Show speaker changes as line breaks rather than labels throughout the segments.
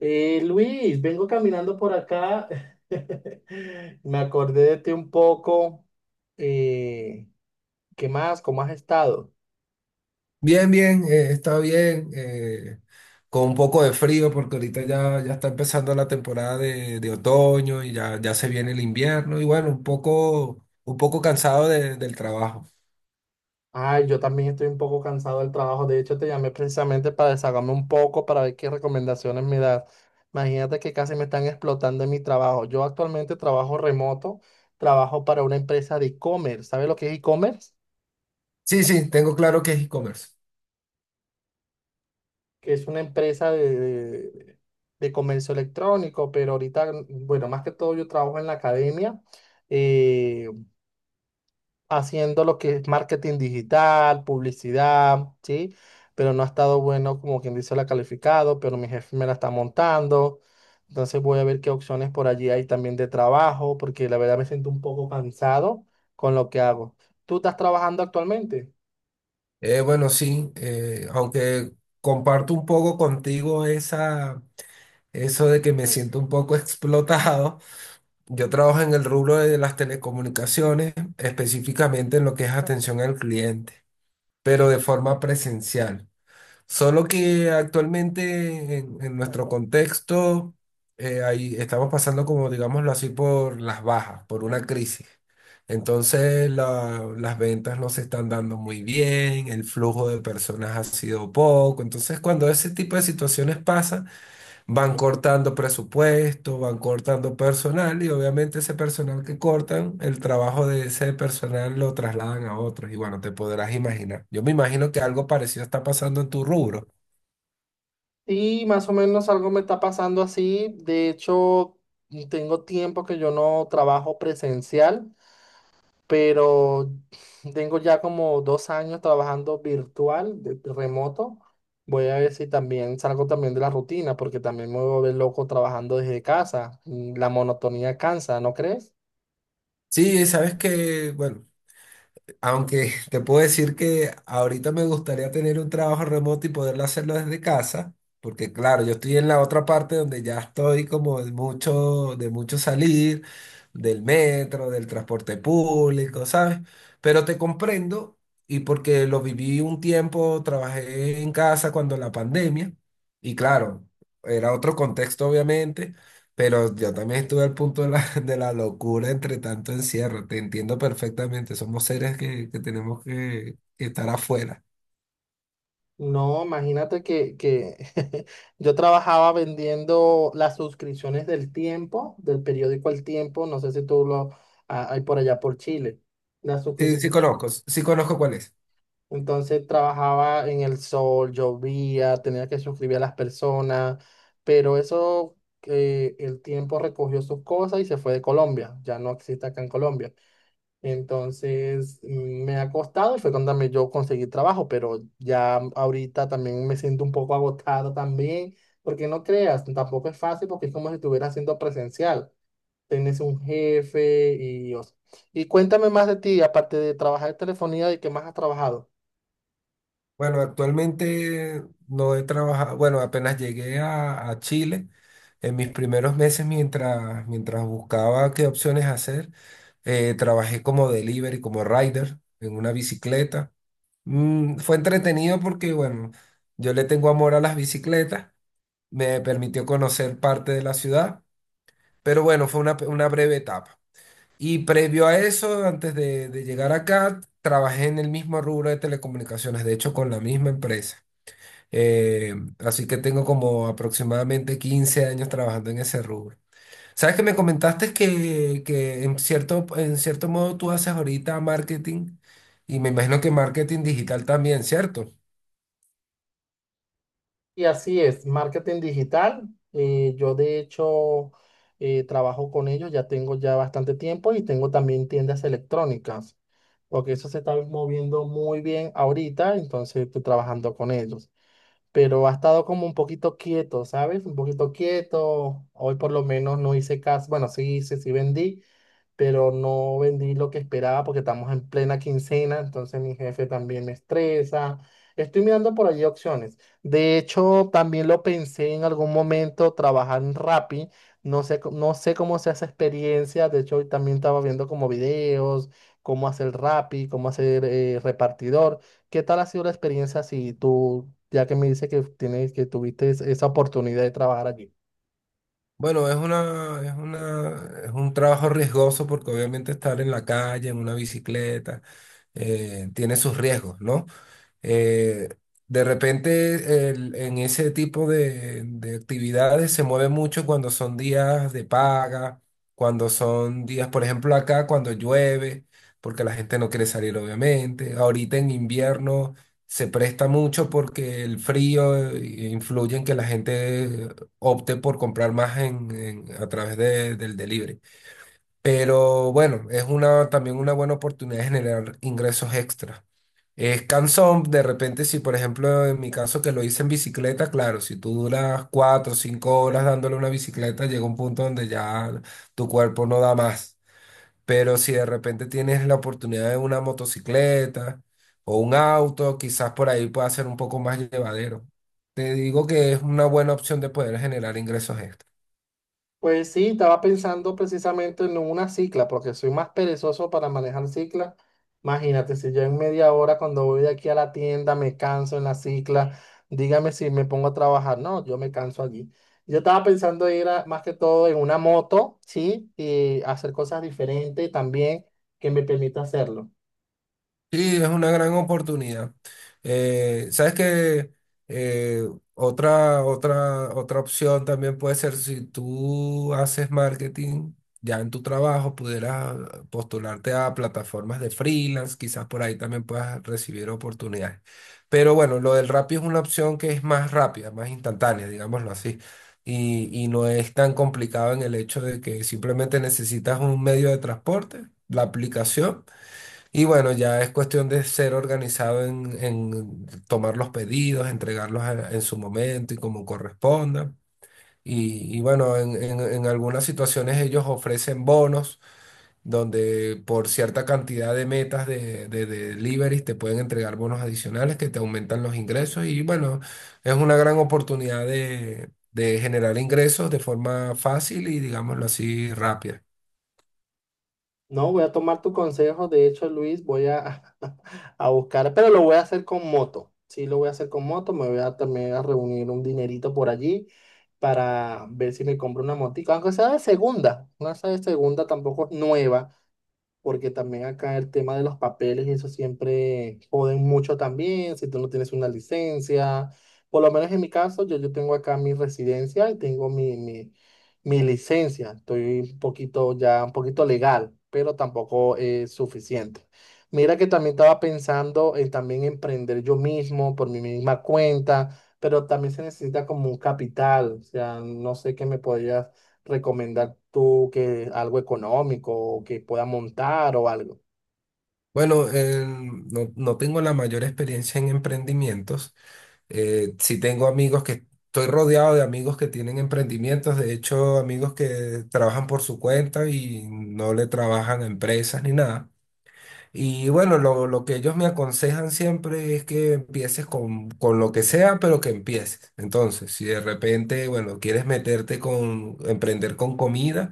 Luis, vengo caminando por acá. Me acordé de ti un poco. Eh, ¿Qué más? ¿Cómo has estado?
Bien, bien, está bien, con un poco de frío porque ahorita ya está empezando la temporada de otoño y ya se viene el invierno y bueno, un poco cansado del trabajo.
Ay, yo también estoy un poco cansado del trabajo. De hecho, te llamé precisamente para desahogarme un poco, para ver qué recomendaciones me das. Imagínate que casi me están explotando en mi trabajo. Yo actualmente trabajo remoto, trabajo para una empresa de e-commerce. ¿Sabes lo que es e-commerce?
Sí, sí, tengo claro que es e-commerce.
Que es una empresa de comercio electrónico, pero ahorita, bueno, más que todo yo trabajo en la academia, eh, haciendo lo que es marketing digital, publicidad, ¿sí? Pero no ha estado bueno, como quien dice, la calificado, pero mi jefe me la está montando. Entonces voy a ver qué opciones por allí hay también de trabajo, porque la verdad me siento un poco cansado con lo que hago. ¿Tú estás trabajando actualmente?
Bueno, sí, aunque comparto un poco contigo eso de que me siento un poco explotado, yo trabajo en el rubro de las telecomunicaciones, específicamente en lo que es atención al cliente, pero de forma presencial. Solo que actualmente en nuestro contexto ahí estamos pasando como, digámoslo así, por las bajas, por una crisis. Entonces las ventas no se están dando muy bien, el flujo de personas ha sido poco. Entonces cuando ese tipo de situaciones pasan, van cortando presupuesto, van cortando personal y obviamente ese personal que cortan, el trabajo de ese personal lo trasladan a otros. Y bueno, te podrás imaginar. Yo me imagino que algo parecido está pasando en tu rubro.
Sí, más o menos algo me está pasando así. De hecho, tengo tiempo que yo no trabajo presencial, pero tengo ya como 2 años trabajando virtual, de remoto. Voy a ver si también salgo también de la rutina, porque también me voy a volver loco trabajando desde casa. La monotonía cansa, ¿no crees?
Sí, sabes que, bueno, aunque te puedo decir que ahorita me gustaría tener un trabajo remoto y poderlo hacerlo desde casa, porque claro, yo estoy en la otra parte donde ya estoy como de mucho salir, del metro, del transporte público, ¿sabes? Pero te comprendo y porque lo viví un tiempo, trabajé en casa cuando la pandemia, y claro, era otro contexto obviamente pero yo también estuve al punto de la, de la locura entre tanto encierro. Te entiendo perfectamente. Somos seres que tenemos que estar afuera.
No, imagínate que yo trabajaba vendiendo las suscripciones del Tiempo, del periódico El Tiempo, no sé si tú lo ah, hay por allá por Chile, las
Sí,
suscripciones.
sí conozco cuál es.
Entonces trabajaba en el sol, llovía, tenía que suscribir a las personas, pero eso, que El Tiempo recogió sus cosas y se fue de Colombia, ya no existe acá en Colombia. Entonces me ha costado y fue cuando también yo conseguí trabajo, pero ya ahorita también me siento un poco agotado también, porque no creas, tampoco es fácil porque es como si estuviera haciendo presencial. Tienes un jefe y, o sea, y cuéntame más de ti, aparte de trabajar en telefonía, ¿de qué más has trabajado?
Bueno, actualmente no he trabajado, bueno, apenas llegué a Chile en mis primeros meses mientras buscaba qué opciones hacer. Trabajé como delivery, como rider en una bicicleta. Mm, fue entretenido porque, bueno, yo le tengo amor a las bicicletas. Me permitió conocer parte de la ciudad, pero bueno, una breve etapa. Y previo a eso, antes de llegar acá, trabajé en el mismo rubro de telecomunicaciones, de hecho con la misma empresa. Eh, Así que tengo como aproximadamente 15 años trabajando en ese rubro. Sabes que me comentaste que en en cierto modo tú haces ahorita marketing y me imagino que marketing digital también, ¿cierto?
Y así es, marketing digital. Yo de hecho trabajo con ellos, ya tengo ya bastante tiempo y tengo también tiendas electrónicas, porque eso se está moviendo muy bien ahorita, entonces estoy trabajando con ellos. Pero ha estado como un poquito quieto, ¿sabes? Un poquito quieto. Hoy por lo menos no hice caso, bueno, sí hice, sí vendí, pero no vendí lo que esperaba porque estamos en plena quincena, entonces mi jefe también me estresa. Estoy mirando por allí opciones. De hecho, también lo pensé en algún momento trabajar en Rappi. No sé cómo se hace experiencia. De hecho, hoy también estaba viendo como videos, cómo hacer Rappi, cómo hacer repartidor. ¿Qué tal ha sido la experiencia si tú, ya que me dices que tienes, que tuviste esa oportunidad de trabajar allí?
Bueno, es un trabajo riesgoso porque obviamente estar en la calle, en una bicicleta, tiene sus riesgos, ¿no? Eh, de repente en ese tipo de actividades se mueve mucho cuando son días de paga, cuando son días, por ejemplo, acá cuando llueve, porque la gente no quiere salir, obviamente. Ahorita en invierno se presta mucho porque el frío influye en que la gente opte por comprar más a través del delivery. Pero bueno, es una, también una buena oportunidad de generar ingresos extra. Es cansón, de repente, si por ejemplo en mi caso que lo hice en bicicleta, claro, si tú duras cuatro o cinco horas dándole una bicicleta, llega un punto donde ya tu cuerpo no da más. Pero si de repente tienes la oportunidad de una motocicleta o un auto, quizás por ahí pueda ser un poco más llevadero. Te digo que es una buena opción de poder generar ingresos extra.
Pues sí, estaba pensando precisamente en una cicla, porque soy más perezoso para manejar cicla. Imagínate, si yo en media hora cuando voy de aquí a la tienda me canso en la cicla, dígame si me pongo a trabajar. No, yo me canso allí. Yo estaba pensando más que todo en una moto, ¿sí? Y hacer cosas diferentes también que me permita hacerlo.
Sí, es una gran oportunidad. Sabes que otra opción también puede ser si tú haces marketing ya en tu trabajo, pudieras postularte a plataformas de freelance, quizás por ahí también puedas recibir oportunidades. Pero bueno, lo del Rappi es una opción que es más rápida, más instantánea, digámoslo así. Y no es tan complicado en el hecho de que simplemente necesitas un medio de transporte, la aplicación. Y bueno, ya es cuestión de ser organizado en tomar los pedidos, en su momento y como corresponda. Y bueno, en algunas situaciones ellos ofrecen bonos donde por cierta cantidad de metas de deliveries te pueden entregar bonos adicionales que te aumentan los ingresos. Y bueno, es una gran oportunidad de generar ingresos de forma fácil y digámoslo así, rápida.
No, voy a tomar tu consejo. De hecho, Luis, voy a, a buscar, pero lo voy a hacer con moto. Sí, lo voy a hacer con moto. Me voy a también a reunir un dinerito por allí para ver si me compro una motica, aunque sea de segunda. No sea de segunda, tampoco es nueva, porque también acá el tema de los papeles y eso siempre joden mucho también, si tú no tienes una licencia, por lo menos en mi caso, yo tengo acá mi residencia y tengo mi licencia, estoy un poquito ya, un poquito legal, pero tampoco es suficiente. Mira que también estaba pensando en también emprender yo mismo por mi misma cuenta, pero también se necesita como un capital, o sea, no sé qué me podría recomendar tú que algo económico o que pueda montar o algo.
Bueno, no, no tengo la mayor experiencia en emprendimientos. Sí tengo amigos que, estoy rodeado de amigos que tienen emprendimientos, de hecho amigos que trabajan por su cuenta y no le trabajan a empresas ni nada. Y bueno, lo que ellos me aconsejan siempre es que empieces con lo que sea, pero que empieces. Entonces, si de repente, bueno, quieres meterte con, emprender con comida.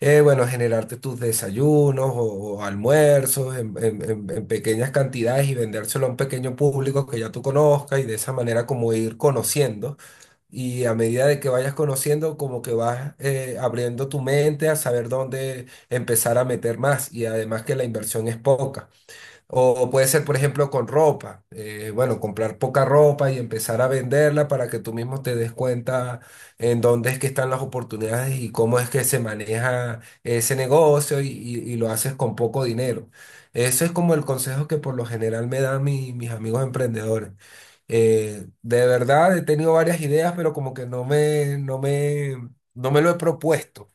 Bueno, generarte tus desayunos o almuerzos en pequeñas cantidades y vendérselo a un pequeño público que ya tú conozcas y de esa manera como ir conociendo y a medida de que vayas conociendo como que vas abriendo tu mente a saber dónde empezar a meter más y además que la inversión es poca. O puede ser, por ejemplo, con ropa. Bueno, comprar poca ropa y empezar a venderla para que tú mismo te des cuenta en dónde es que están las oportunidades y cómo es que se maneja ese negocio y lo haces con poco dinero. Eso es como el consejo que por lo general me dan mis amigos emprendedores. De verdad, he tenido varias ideas, pero como que no me lo he propuesto.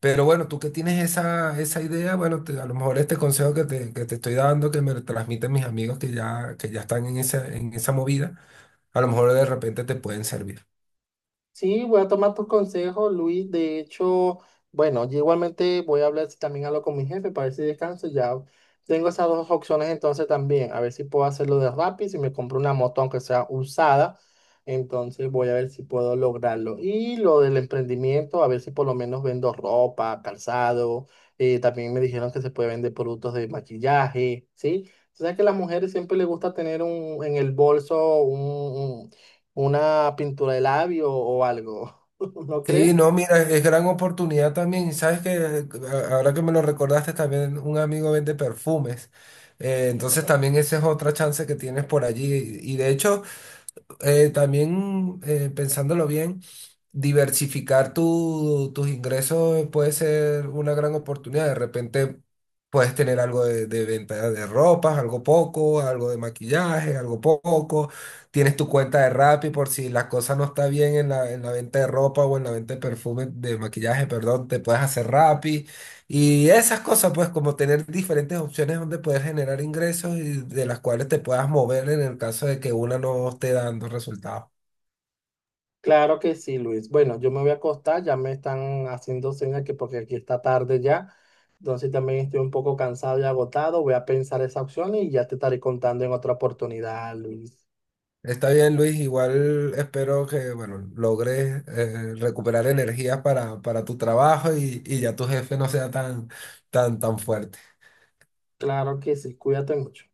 Pero bueno, tú que tienes esa, esa idea, bueno, a lo mejor este consejo que te estoy dando, que me lo transmiten mis amigos que ya están en esa movida, a lo mejor de repente te pueden servir.
Sí, voy a tomar tu consejo, Luis. De hecho, bueno, yo igualmente voy a hablar, si también algo con mi jefe para ver si descanso. Ya tengo esas dos opciones entonces también. A ver si puedo hacerlo de Rappi, si me compro una moto aunque sea usada. Entonces voy a ver si puedo lograrlo. Y lo del emprendimiento, a ver si por lo menos vendo ropa, calzado. También me dijeron que se puede vender productos de maquillaje, ¿sí? O sea que a las mujeres siempre les gusta tener un, en el bolso una pintura de labio o algo, ¿no cree?
Sí, no, mira, es gran oportunidad también. Y sabes que ahora que me lo recordaste, también un amigo vende perfumes. Entonces también esa es otra chance que tienes por allí. Y de hecho, también pensándolo bien, diversificar tus ingresos puede ser una gran oportunidad. De repente puedes tener algo de venta de ropas, algo poco, algo de maquillaje, algo poco. Tienes tu cuenta de Rappi por si la cosa no está bien en la venta de ropa o en la venta de perfume, de maquillaje, perdón, te puedes hacer Rappi. Y esas cosas, pues como tener diferentes opciones donde puedes generar ingresos y de las cuales te puedas mover en el caso de que una no esté dando resultados.
Claro que sí, Luis. Bueno, yo me voy a acostar, ya me están haciendo señas que porque aquí está tarde ya, entonces también estoy un poco cansado y agotado, voy a pensar esa opción y ya te estaré contando en otra oportunidad, Luis.
Está bien, Luis. Igual espero que, bueno, logres recuperar energías para tu trabajo y ya tu jefe no sea tan, tan, tan fuerte.
Claro que sí, cuídate mucho.